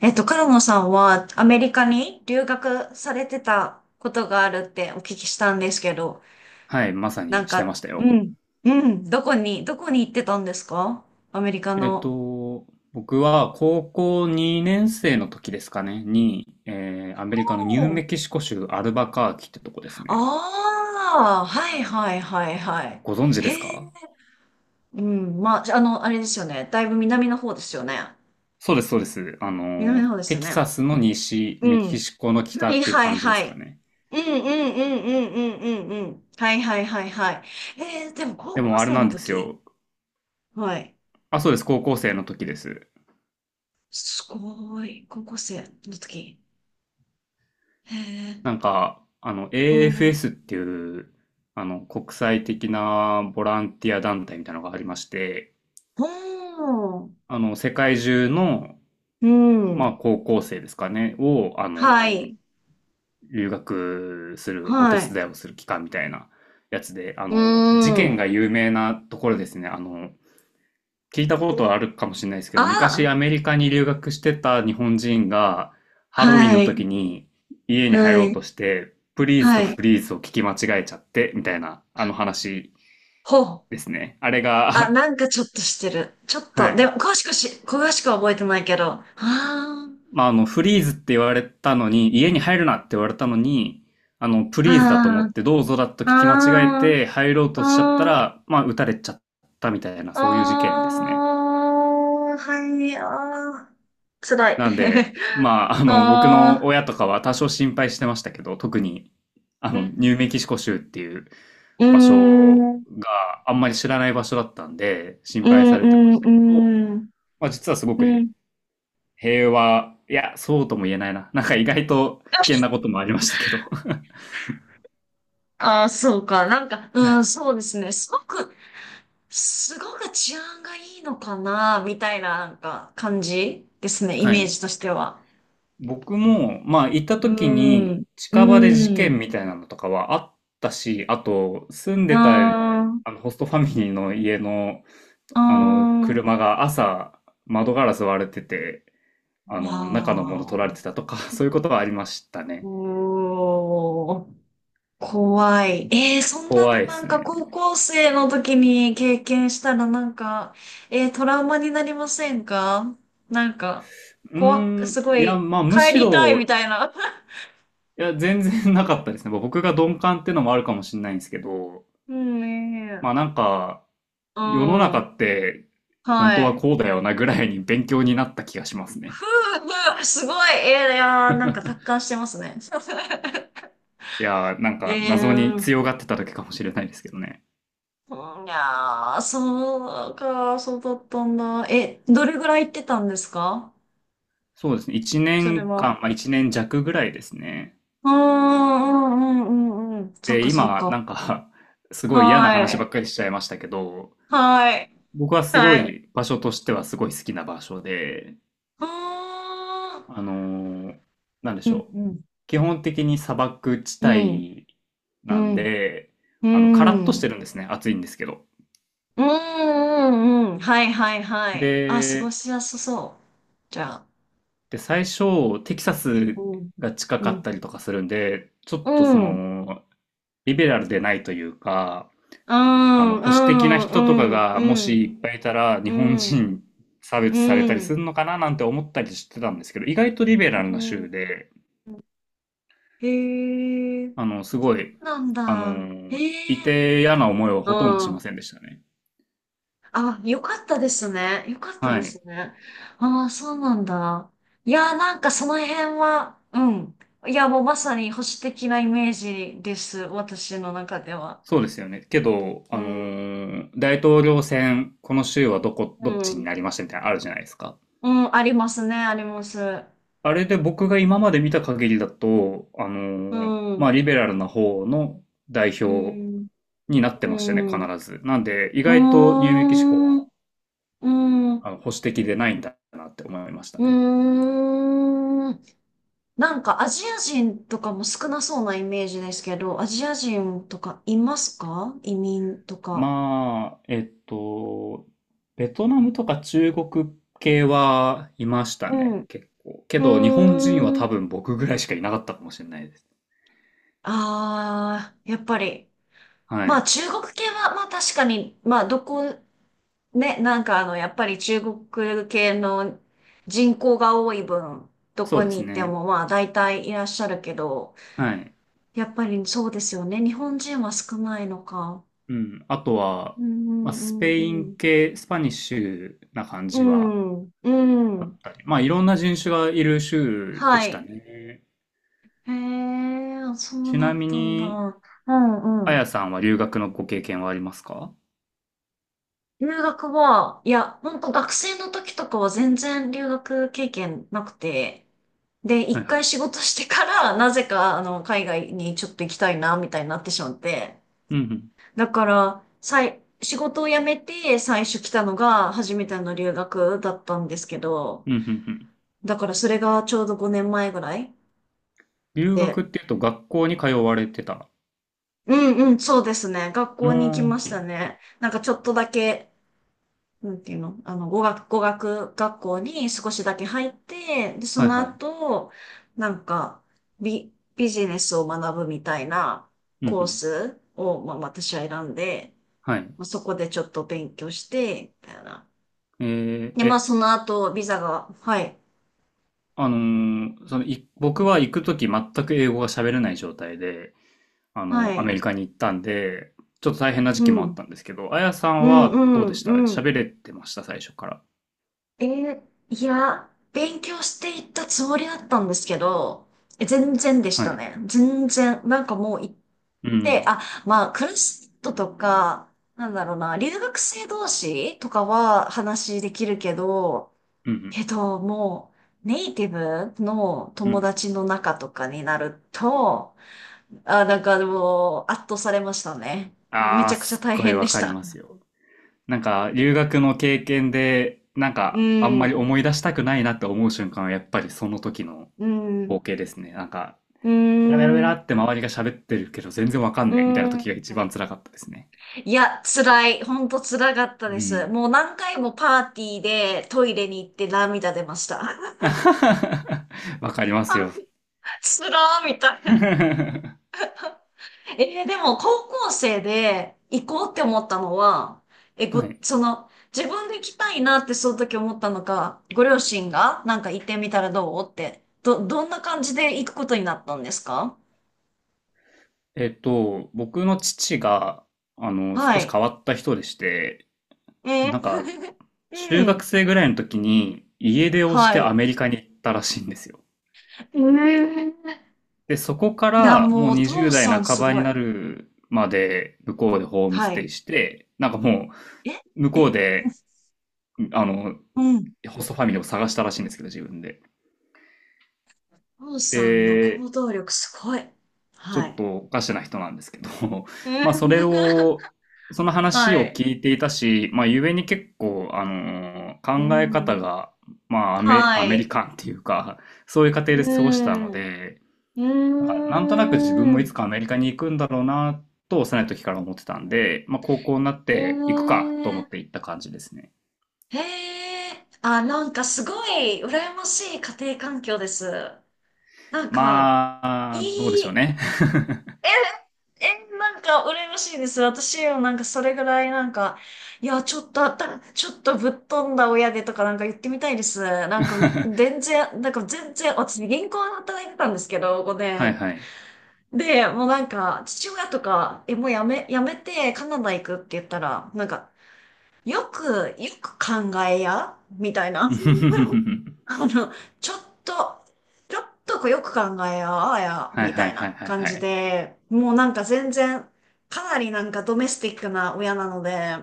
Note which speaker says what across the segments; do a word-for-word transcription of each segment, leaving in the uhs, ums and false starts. Speaker 1: えっと、カルモさんはアメリカに留学されてたことがあるってお聞きしたんですけど、
Speaker 2: はい、まさ
Speaker 1: なん
Speaker 2: にして
Speaker 1: か、
Speaker 2: ました
Speaker 1: う
Speaker 2: よ。
Speaker 1: ん、うん、どこに、どこに行ってたんですか？アメリカ
Speaker 2: えっ
Speaker 1: の。
Speaker 2: と、僕は高校にねん生の時ですかね、に、えーアメリカの
Speaker 1: お
Speaker 2: ニュー
Speaker 1: ー
Speaker 2: メキシコ州アルバカーキってとこですね。
Speaker 1: ああ、はいはいはいはい。
Speaker 2: ご存知
Speaker 1: へ
Speaker 2: です
Speaker 1: え、
Speaker 2: か？
Speaker 1: うん、まあ、あの、あれですよね。だいぶ南の方ですよね。
Speaker 2: そうです、そうです。あ
Speaker 1: 南の
Speaker 2: の、
Speaker 1: 方です
Speaker 2: テ
Speaker 1: よ
Speaker 2: キ
Speaker 1: ね。
Speaker 2: サスの西、
Speaker 1: う
Speaker 2: メ
Speaker 1: ん。
Speaker 2: キシコの北
Speaker 1: は
Speaker 2: っ
Speaker 1: い
Speaker 2: ていう
Speaker 1: はい
Speaker 2: 感じで
Speaker 1: は
Speaker 2: すか
Speaker 1: い。
Speaker 2: ね。
Speaker 1: うんうんうんうんうんうんうん。はいはいはいはい。えー、でも高
Speaker 2: で
Speaker 1: 校
Speaker 2: もあれ
Speaker 1: 生
Speaker 2: な
Speaker 1: の
Speaker 2: んです
Speaker 1: 時。
Speaker 2: よ。
Speaker 1: はい。
Speaker 2: あ、そうです、高校生の時です。
Speaker 1: すごい。高校生の時。へえ。
Speaker 2: なんか、あの、
Speaker 1: うん。う
Speaker 2: エーエフエス っていう、あの、国際的なボランティア団体みたいなのがありまして、
Speaker 1: ん。
Speaker 2: あの、世界中の
Speaker 1: う
Speaker 2: まあ、
Speaker 1: ん。
Speaker 2: 高校生ですかね、を、あ
Speaker 1: は
Speaker 2: の、
Speaker 1: い。
Speaker 2: 留学する、お手
Speaker 1: はい。
Speaker 2: 伝いをする期間みたいなやつで、あ
Speaker 1: うー
Speaker 2: の、事件
Speaker 1: ん。
Speaker 2: が有名なところですね。あの、聞いたことはあるかもしれないですけど、昔
Speaker 1: あ
Speaker 2: アメリカに留学してた日本人が、ハロウィン
Speaker 1: は
Speaker 2: の
Speaker 1: い。
Speaker 2: 時に家に入
Speaker 1: は
Speaker 2: ろう
Speaker 1: い。
Speaker 2: として、プリーズ
Speaker 1: は
Speaker 2: とフ
Speaker 1: い。
Speaker 2: リーズを聞き間違えちゃって、みたいな、あの話
Speaker 1: ほう。
Speaker 2: ですね。あれ
Speaker 1: あ、
Speaker 2: が、
Speaker 1: なんかちょっとしてる。ちょっ
Speaker 2: は
Speaker 1: と、でも、
Speaker 2: い。
Speaker 1: 詳しくし、詳しくは覚えてないけど。ああ、
Speaker 2: まあ、あの、フリーズって言われたのに、家に入るなって言われたのに、あの、プリーズだと思
Speaker 1: あ
Speaker 2: って、どうぞだと
Speaker 1: あ、
Speaker 2: 聞き間違え
Speaker 1: あ
Speaker 2: て入ろう
Speaker 1: あ、
Speaker 2: としちゃった
Speaker 1: あ
Speaker 2: ら、まあ、撃たれちゃったみたいな、
Speaker 1: あ、あ
Speaker 2: そういう事件ですね。
Speaker 1: あ、はい、ああ、辛い。
Speaker 2: な んで、まあ、あの、僕
Speaker 1: あ
Speaker 2: の
Speaker 1: あ、
Speaker 2: 親とかは多少心配してましたけど、特に、あ
Speaker 1: う
Speaker 2: の、ニュー
Speaker 1: ん
Speaker 2: メキシコ州っていう
Speaker 1: うー
Speaker 2: 場所
Speaker 1: ん、
Speaker 2: を、
Speaker 1: うん、
Speaker 2: ああんまり知らない場所だったんで、心
Speaker 1: う
Speaker 2: 配
Speaker 1: ん、
Speaker 2: されてましたけど、
Speaker 1: うん、
Speaker 2: まあ、実はすごく
Speaker 1: う
Speaker 2: へ
Speaker 1: ん。
Speaker 2: 平和、いや、そうとも言えないな。なんか意外と危険なこともありましたけど。
Speaker 1: ああ、そうか。なんか、
Speaker 2: は
Speaker 1: うん、
Speaker 2: い
Speaker 1: そうですね。すごく、すごく治安がいいのかな、みたいな、なんか、感じですね。イ
Speaker 2: は
Speaker 1: メー
Speaker 2: い。
Speaker 1: ジとしては。
Speaker 2: 僕も、まあ、行った
Speaker 1: う
Speaker 2: 時
Speaker 1: ー
Speaker 2: に、
Speaker 1: ん、う
Speaker 2: 近場で事
Speaker 1: ー
Speaker 2: 件
Speaker 1: ん、
Speaker 2: みたいなのとかはあったし、あと、住ん
Speaker 1: うー
Speaker 2: でた、
Speaker 1: ん、
Speaker 2: あの、ホストファミリーの家の、
Speaker 1: うー
Speaker 2: あの、
Speaker 1: ん。
Speaker 2: 車が朝、窓ガラス割れてて、あの、中のもの取ら
Speaker 1: わ
Speaker 2: れてたとか、そういうことはありました
Speaker 1: ー
Speaker 2: ね。
Speaker 1: お。怖い。えー、そんな
Speaker 2: 怖
Speaker 1: の
Speaker 2: いで
Speaker 1: な
Speaker 2: す
Speaker 1: んか高
Speaker 2: ね。
Speaker 1: 校生の時に経験したらなんか、えー、トラウマになりませんか？なんか、
Speaker 2: うー
Speaker 1: 怖く、
Speaker 2: ん、
Speaker 1: すご
Speaker 2: いや、
Speaker 1: い、
Speaker 2: まあ、む
Speaker 1: 帰
Speaker 2: し
Speaker 1: りたい
Speaker 2: ろ、
Speaker 1: み
Speaker 2: い
Speaker 1: たいな。
Speaker 2: や、全然なかったですね。僕が鈍感っていうのもあるかもしれないんですけど、
Speaker 1: うんね
Speaker 2: まあ、な
Speaker 1: え。
Speaker 2: んか、
Speaker 1: う
Speaker 2: 世の中
Speaker 1: ん。
Speaker 2: って本当
Speaker 1: は
Speaker 2: は
Speaker 1: い。
Speaker 2: こうだよなぐらいに勉強になった気がしますね。
Speaker 1: ふう、ふう、すごい。えー、いやー、なんか達観してますね。
Speaker 2: いやー、なん か
Speaker 1: え
Speaker 2: 謎に
Speaker 1: ー、うん
Speaker 2: 強がってただけかもしれないですけどね。
Speaker 1: いやー、そうか、そうだったんだ。え、どれぐらい行ってたんですか？
Speaker 2: そうですね。1
Speaker 1: それ
Speaker 2: 年
Speaker 1: は。
Speaker 2: 間、まあいちねん弱ぐらいですね。
Speaker 1: うんうんうんうんうん。そっ
Speaker 2: で、
Speaker 1: かそっ
Speaker 2: 今、な
Speaker 1: か。
Speaker 2: んか すごい嫌な
Speaker 1: は
Speaker 2: 話ば
Speaker 1: い。
Speaker 2: っかりしちゃいましたけど、
Speaker 1: はい。
Speaker 2: 僕はすご
Speaker 1: はい。
Speaker 2: い場所としてはすごい好きな場所で、
Speaker 1: あ
Speaker 2: あのーなんで
Speaker 1: ー
Speaker 2: しょ
Speaker 1: う
Speaker 2: う。
Speaker 1: んうん
Speaker 2: 基本的に砂漠地
Speaker 1: うん。
Speaker 2: 帯
Speaker 1: う
Speaker 2: なん
Speaker 1: ん。
Speaker 2: で、
Speaker 1: う
Speaker 2: あの、カラッとして
Speaker 1: ん。
Speaker 2: るんですね。暑いんですけど。
Speaker 1: うんうんうん。はいはいはい。あ、過ご
Speaker 2: で、
Speaker 1: しやすそう。じゃあ。
Speaker 2: で、最初、テキサス
Speaker 1: うん。
Speaker 2: が近
Speaker 1: う
Speaker 2: かっ
Speaker 1: ん。
Speaker 2: たりとかするんで、ちょっ
Speaker 1: う
Speaker 2: とそ
Speaker 1: ん。
Speaker 2: の、リベラルでないというか、
Speaker 1: う
Speaker 2: あの、
Speaker 1: ん
Speaker 2: 保守的
Speaker 1: う
Speaker 2: な
Speaker 1: んう
Speaker 2: 人とか
Speaker 1: ん
Speaker 2: が
Speaker 1: う
Speaker 2: も
Speaker 1: ん
Speaker 2: しいっぱいいたら、日
Speaker 1: う
Speaker 2: 本
Speaker 1: ん
Speaker 2: 人差
Speaker 1: う
Speaker 2: 別されたり
Speaker 1: ん
Speaker 2: するのかななんて思ったりしてたんですけど、意外とリベラル
Speaker 1: う
Speaker 2: な州
Speaker 1: ん。
Speaker 2: で、
Speaker 1: へえ。
Speaker 2: あの、すごい、
Speaker 1: そうなん
Speaker 2: あ
Speaker 1: だ。
Speaker 2: の、
Speaker 1: へ
Speaker 2: い
Speaker 1: え。
Speaker 2: て嫌な思いはほとんどし
Speaker 1: う
Speaker 2: ま
Speaker 1: ん。
Speaker 2: せんでしたね。
Speaker 1: あ、よかったですね。よかった
Speaker 2: は
Speaker 1: で
Speaker 2: い。
Speaker 1: すね。ああ、そうなんだ。いやー、なんかその辺は、うん。いや、もうまさに保守的なイメージです。私の中では。
Speaker 2: そうですよね。けど、
Speaker 1: う
Speaker 2: あの
Speaker 1: ん、
Speaker 2: ー大統領選、この州はどこ、
Speaker 1: う
Speaker 2: どっちに
Speaker 1: ん。
Speaker 2: なりましたみたいなのあるじゃないですか。
Speaker 1: うん、ありますね、あります。
Speaker 2: あれで僕が今まで見た限りだと、あ
Speaker 1: う
Speaker 2: のー
Speaker 1: ん、
Speaker 2: ま
Speaker 1: う
Speaker 2: あ、リベラルな方の代表
Speaker 1: ん、
Speaker 2: になって
Speaker 1: う
Speaker 2: ましたね、
Speaker 1: ん。
Speaker 2: 必
Speaker 1: う
Speaker 2: ず。なんで、意
Speaker 1: ー
Speaker 2: 外とニューメキシコは、
Speaker 1: ん、うん、う
Speaker 2: あの、保守的でないんだなって思いました
Speaker 1: ー
Speaker 2: ね。
Speaker 1: ん。なんかアジア人とかも少なそうなイメージですけど、アジア人とかいますか？移民とか。
Speaker 2: まあ、えっと、ベトナムとか中国系はいました
Speaker 1: う
Speaker 2: ね、
Speaker 1: ん。
Speaker 2: 結構。けど、日
Speaker 1: う
Speaker 2: 本人は
Speaker 1: ーん。
Speaker 2: 多分僕ぐらいしかいなかったかもしれないです。
Speaker 1: ああ、やっぱり。
Speaker 2: は
Speaker 1: まあ
Speaker 2: い。
Speaker 1: 中国系は、まあ確かに、まあどこ、ね、なんかあの、やっぱり中国系の人口が多い分、ど
Speaker 2: そう
Speaker 1: こ
Speaker 2: で
Speaker 1: に
Speaker 2: す
Speaker 1: 行って
Speaker 2: ね。
Speaker 1: もまあ大体いらっしゃるけど、
Speaker 2: はい。
Speaker 1: やっぱりそうですよね。日本人は少ないのか。
Speaker 2: うん。あとは、
Speaker 1: う
Speaker 2: ま
Speaker 1: ん
Speaker 2: あ、
Speaker 1: う
Speaker 2: ス
Speaker 1: ん
Speaker 2: ペ
Speaker 1: う
Speaker 2: イン
Speaker 1: ん
Speaker 2: 系、スパニッシュな感
Speaker 1: う
Speaker 2: じは
Speaker 1: ん。うん、う
Speaker 2: あっ
Speaker 1: ん。
Speaker 2: たり。まあ、いろんな人種がいる州で
Speaker 1: は
Speaker 2: した
Speaker 1: い。
Speaker 2: ね。
Speaker 1: へえ、そう
Speaker 2: ち
Speaker 1: な
Speaker 2: な
Speaker 1: っ
Speaker 2: み
Speaker 1: たんだ。
Speaker 2: に、
Speaker 1: う
Speaker 2: あ
Speaker 1: んう
Speaker 2: や
Speaker 1: ん。
Speaker 2: さんは留学のご経験はありますか？
Speaker 1: 留学は、いや、本当学生の時とかは全然留学経験なくて、で、
Speaker 2: はい
Speaker 1: 一
Speaker 2: は
Speaker 1: 回
Speaker 2: い。
Speaker 1: 仕事してから、なぜか、あの、海外にちょっと行きたいな、みたいになってしまって。
Speaker 2: うんうん。
Speaker 1: だから、さい、仕事を辞めて最初来たのが初めての留学だったんですけど、
Speaker 2: うんうんうん。
Speaker 1: だからそれがちょうどごねんまえぐらい
Speaker 2: 留学っ
Speaker 1: で、
Speaker 2: ていうと学校に通われてた？
Speaker 1: うんうん、そうですね。学
Speaker 2: う
Speaker 1: 校に行き
Speaker 2: ー
Speaker 1: まし
Speaker 2: ん。
Speaker 1: たね。なんかちょっとだけ、なんていうのあの、語学、語学学校に少しだけ入って、で、そ
Speaker 2: はい
Speaker 1: の
Speaker 2: はい。
Speaker 1: 後、なんか、ビ、ビジネスを学ぶみたいな
Speaker 2: うんう
Speaker 1: コー
Speaker 2: ん。
Speaker 1: スを、まあ、私は選んで、
Speaker 2: はい。
Speaker 1: まあ、そこでちょっと勉強して、みたいな。
Speaker 2: えー、
Speaker 1: で、まあ、
Speaker 2: え、
Speaker 1: その後、ビザが、はい、
Speaker 2: あのーその、い、僕は行くとき全く英語が喋れない状態で、あ
Speaker 1: は
Speaker 2: の、アメ
Speaker 1: い、
Speaker 2: リカに行ったんで、ちょっと大変な
Speaker 1: う
Speaker 2: 時期もあっ
Speaker 1: ん、
Speaker 2: たんですけど、あやさ
Speaker 1: う
Speaker 2: ん
Speaker 1: ん、う
Speaker 2: はどうで
Speaker 1: ん、
Speaker 2: した？
Speaker 1: うん。
Speaker 2: 喋れてました、最初から？
Speaker 1: えーいや、勉強していったつもりだったんですけど、え全然でし
Speaker 2: は
Speaker 1: た
Speaker 2: い。
Speaker 1: ね。全然。なんかもう、
Speaker 2: う
Speaker 1: で、
Speaker 2: ん。
Speaker 1: あ、まあ、クラストとか、なんだろうな、留学生同士とかは話できるけど、
Speaker 2: うん。
Speaker 1: けど、もう、ネイティブの
Speaker 2: う
Speaker 1: 友
Speaker 2: ん。
Speaker 1: 達の中とかになると、あ、なんかもう、圧倒されましたね。め
Speaker 2: あ
Speaker 1: ち
Speaker 2: あ、
Speaker 1: ゃくちゃ
Speaker 2: すっ
Speaker 1: 大
Speaker 2: ごい
Speaker 1: 変で
Speaker 2: わ
Speaker 1: し
Speaker 2: かり
Speaker 1: た。
Speaker 2: ますよ。なんか、留学の経験で、なん
Speaker 1: う
Speaker 2: か、あんまり
Speaker 1: ん、
Speaker 2: 思い出したくないなって思う瞬間は、やっぱりその時の
Speaker 1: うん、
Speaker 2: 光景ですね。なんか、
Speaker 1: う
Speaker 2: ベラベラベラ
Speaker 1: ん、
Speaker 2: って周りが喋ってるけど、全然わかん
Speaker 1: う
Speaker 2: ねえみたいな時
Speaker 1: ん。
Speaker 2: が一番辛かったですね。
Speaker 1: いや、辛い。ほんと辛かった
Speaker 2: う
Speaker 1: です。
Speaker 2: ん。
Speaker 1: もう何回もパーティーでトイレに行って涙出ました。
Speaker 2: わかりますよ。
Speaker 1: つらーみたい な。
Speaker 2: は
Speaker 1: えーでも高校生で行こうって思ったのは、え、ご、
Speaker 2: い。
Speaker 1: その、自分で行きたいなってその時思ったのか、ご両親がなんか行ってみたらどうって、ど、どんな感じで行くことになったんですか？
Speaker 2: えっと、僕の父が、あの、
Speaker 1: は
Speaker 2: 少し
Speaker 1: い。
Speaker 2: 変わった人でして、
Speaker 1: え
Speaker 2: なんか、
Speaker 1: ー
Speaker 2: 中
Speaker 1: う
Speaker 2: 学
Speaker 1: ん。
Speaker 2: 生ぐらいの時に家出をし
Speaker 1: は
Speaker 2: てア
Speaker 1: い。
Speaker 2: メリカに行ったらしいんですよ。
Speaker 1: えー
Speaker 2: で、そこか
Speaker 1: いや、
Speaker 2: ら
Speaker 1: もう
Speaker 2: もう
Speaker 1: お父
Speaker 2: にじゅうだい
Speaker 1: さ
Speaker 2: 代
Speaker 1: ん
Speaker 2: 半
Speaker 1: す
Speaker 2: ば
Speaker 1: ご
Speaker 2: に
Speaker 1: い。
Speaker 2: なるまで向こうでホームス
Speaker 1: は
Speaker 2: テイ
Speaker 1: い。
Speaker 2: して、なんかも
Speaker 1: え
Speaker 2: う向こう
Speaker 1: え
Speaker 2: で、あの、
Speaker 1: うん。
Speaker 2: ホストファミリーを探したらしいんですけど、自分で。
Speaker 1: お父さんの行
Speaker 2: で、
Speaker 1: 動力すごい。
Speaker 2: ちょ
Speaker 1: は
Speaker 2: っ
Speaker 1: い。
Speaker 2: とおかしな人なんですけど、
Speaker 1: う
Speaker 2: まあそれ
Speaker 1: ん
Speaker 2: を、その 話
Speaker 1: は
Speaker 2: を
Speaker 1: い。
Speaker 2: 聞いていたし、まあゆえに結構、あのー
Speaker 1: う
Speaker 2: 考え方
Speaker 1: ん。
Speaker 2: が、まあアメ、
Speaker 1: は
Speaker 2: アメリ
Speaker 1: い。
Speaker 2: カンっていうか、そういう過程
Speaker 1: う
Speaker 2: で過ごしたの
Speaker 1: ん。う
Speaker 2: で、なんかなんとなく自分
Speaker 1: ー
Speaker 2: もいつ
Speaker 1: ん。
Speaker 2: かアメリカに行くんだろうな、と幼い時から思ってたんで、まあ高校になって行くかと
Speaker 1: ね
Speaker 2: 思って行った感じですね。
Speaker 1: え。へえ。あ、なんかすごい羨ましい家庭環境です。なんか、い
Speaker 2: まあ、どうでしょう
Speaker 1: い、
Speaker 2: ね。
Speaker 1: え、え、なんか羨ましいです。私もなんかそれぐらいなんか、いや、ちょっとあった、ちょっとぶっ飛んだ親でとかなんか言ってみたいです。なんか、全然、なんか全然、私銀行で働いてたんですけど、5
Speaker 2: はいはい。
Speaker 1: 年。で、もうなんか、父親とか、え、もうやめ、やめてカナダ行くって言ったら、なんか、よく、よく考えや、みたいな。あの、ちょっと、ちょっとこうよく考えや、あや、
Speaker 2: はい
Speaker 1: み
Speaker 2: は
Speaker 1: た
Speaker 2: い
Speaker 1: い
Speaker 2: はい
Speaker 1: な
Speaker 2: はい
Speaker 1: 感
Speaker 2: は
Speaker 1: じ
Speaker 2: い。
Speaker 1: で、もうなんか全然、かなりなんかドメスティックな親なので、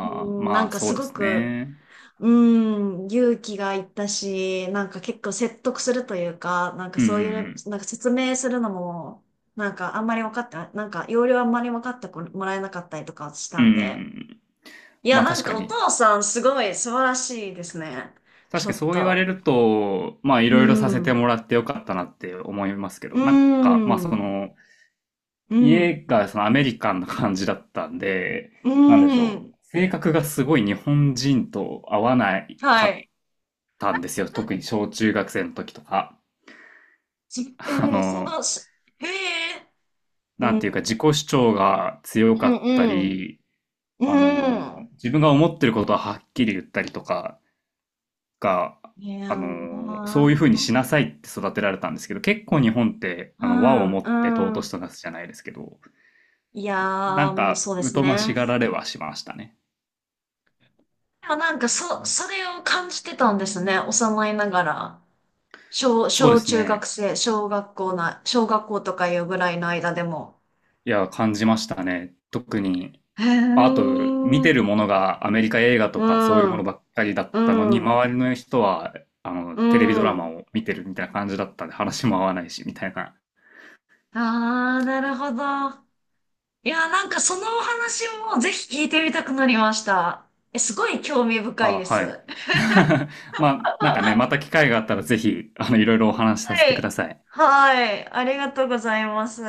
Speaker 1: う
Speaker 2: あ、
Speaker 1: ん、な
Speaker 2: ま
Speaker 1: ん
Speaker 2: あ
Speaker 1: か
Speaker 2: そ
Speaker 1: す
Speaker 2: うで
Speaker 1: ご
Speaker 2: す
Speaker 1: く、
Speaker 2: ね。
Speaker 1: うーん、勇気がいったし、なんか結構説得するというか、なんか
Speaker 2: うんう
Speaker 1: そういう、
Speaker 2: ん
Speaker 1: なんか説明するのも、なんかあんまり分かってな、なんか要領あんまり分かってこもらえなかったりとかし
Speaker 2: う
Speaker 1: た
Speaker 2: ん。うん
Speaker 1: ん
Speaker 2: うんう
Speaker 1: で。
Speaker 2: ん。
Speaker 1: いや、
Speaker 2: まあ
Speaker 1: な
Speaker 2: 確
Speaker 1: ん
Speaker 2: か
Speaker 1: かお
Speaker 2: に。
Speaker 1: 父さんすごい素晴らしいですね。ち
Speaker 2: 確
Speaker 1: ょ
Speaker 2: かに
Speaker 1: っ
Speaker 2: そう言われ
Speaker 1: と。
Speaker 2: ると、まあい
Speaker 1: うー
Speaker 2: ろいろさせ
Speaker 1: ん、
Speaker 2: て
Speaker 1: う
Speaker 2: もらってよかったなって思いますけ
Speaker 1: ー
Speaker 2: ど、なんか、まあそ
Speaker 1: ん、う
Speaker 2: の、
Speaker 1: ーん、
Speaker 2: 家がそのアメリカンな感じだったんで、
Speaker 1: う
Speaker 2: なんでし
Speaker 1: ー
Speaker 2: ょ
Speaker 1: ん。
Speaker 2: う。性格がすごい日本人と合わないか
Speaker 1: は
Speaker 2: っ
Speaker 1: い。
Speaker 2: たんですよ。特に小中学生の時とか。
Speaker 1: じえ
Speaker 2: あ
Speaker 1: ー、そ
Speaker 2: の、
Speaker 1: の、しえー、
Speaker 2: な
Speaker 1: う
Speaker 2: ん
Speaker 1: ん、
Speaker 2: ていうか自己主張が強
Speaker 1: う
Speaker 2: か
Speaker 1: ん、
Speaker 2: った
Speaker 1: うん、
Speaker 2: り、
Speaker 1: う
Speaker 2: あのー
Speaker 1: ん。
Speaker 2: 自分が思ってることははっきり言ったりとかが、
Speaker 1: い
Speaker 2: あ
Speaker 1: やー、
Speaker 2: のーそういうふうにしなさいって育てられたんですけど、結構日本って、
Speaker 1: う
Speaker 2: あの、和をも
Speaker 1: ん、
Speaker 2: って
Speaker 1: う
Speaker 2: 尊し
Speaker 1: ん。
Speaker 2: となすじゃないですけど、
Speaker 1: いや
Speaker 2: な
Speaker 1: ー、
Speaker 2: ん
Speaker 1: もう
Speaker 2: か、
Speaker 1: そうです
Speaker 2: 疎まし
Speaker 1: ね。
Speaker 2: がられはしましたね。
Speaker 1: でもなんかそ、それを感じてたんですね。幼いながら。小、
Speaker 2: そうで
Speaker 1: 小
Speaker 2: す
Speaker 1: 中学
Speaker 2: ね。
Speaker 1: 生、小学校な、小学校とかいうぐらいの間でも。
Speaker 2: いや、感じましたね。特に、
Speaker 1: へ
Speaker 2: あと、見て
Speaker 1: ー。
Speaker 2: るものがアメリカ映画
Speaker 1: う
Speaker 2: とかそういうもの
Speaker 1: ん、
Speaker 2: ばっかりだったの
Speaker 1: う
Speaker 2: に、
Speaker 1: ん、
Speaker 2: 周りの人は、あの、
Speaker 1: う
Speaker 2: テレビドラマ
Speaker 1: ん。
Speaker 2: を見てるみたいな感じだったんで、話も合わないし、みたいな
Speaker 1: あー、なるほど。いやー、なんかそのお話をぜひ聞いてみたくなりました。え、すごい興味深い
Speaker 2: あ、
Speaker 1: です。
Speaker 2: は
Speaker 1: は
Speaker 2: い。まあ、なんかね、また機会があったらぜひ、あの、いろいろお話しさせてくだ
Speaker 1: い。
Speaker 2: さい。
Speaker 1: はい。ありがとうございます。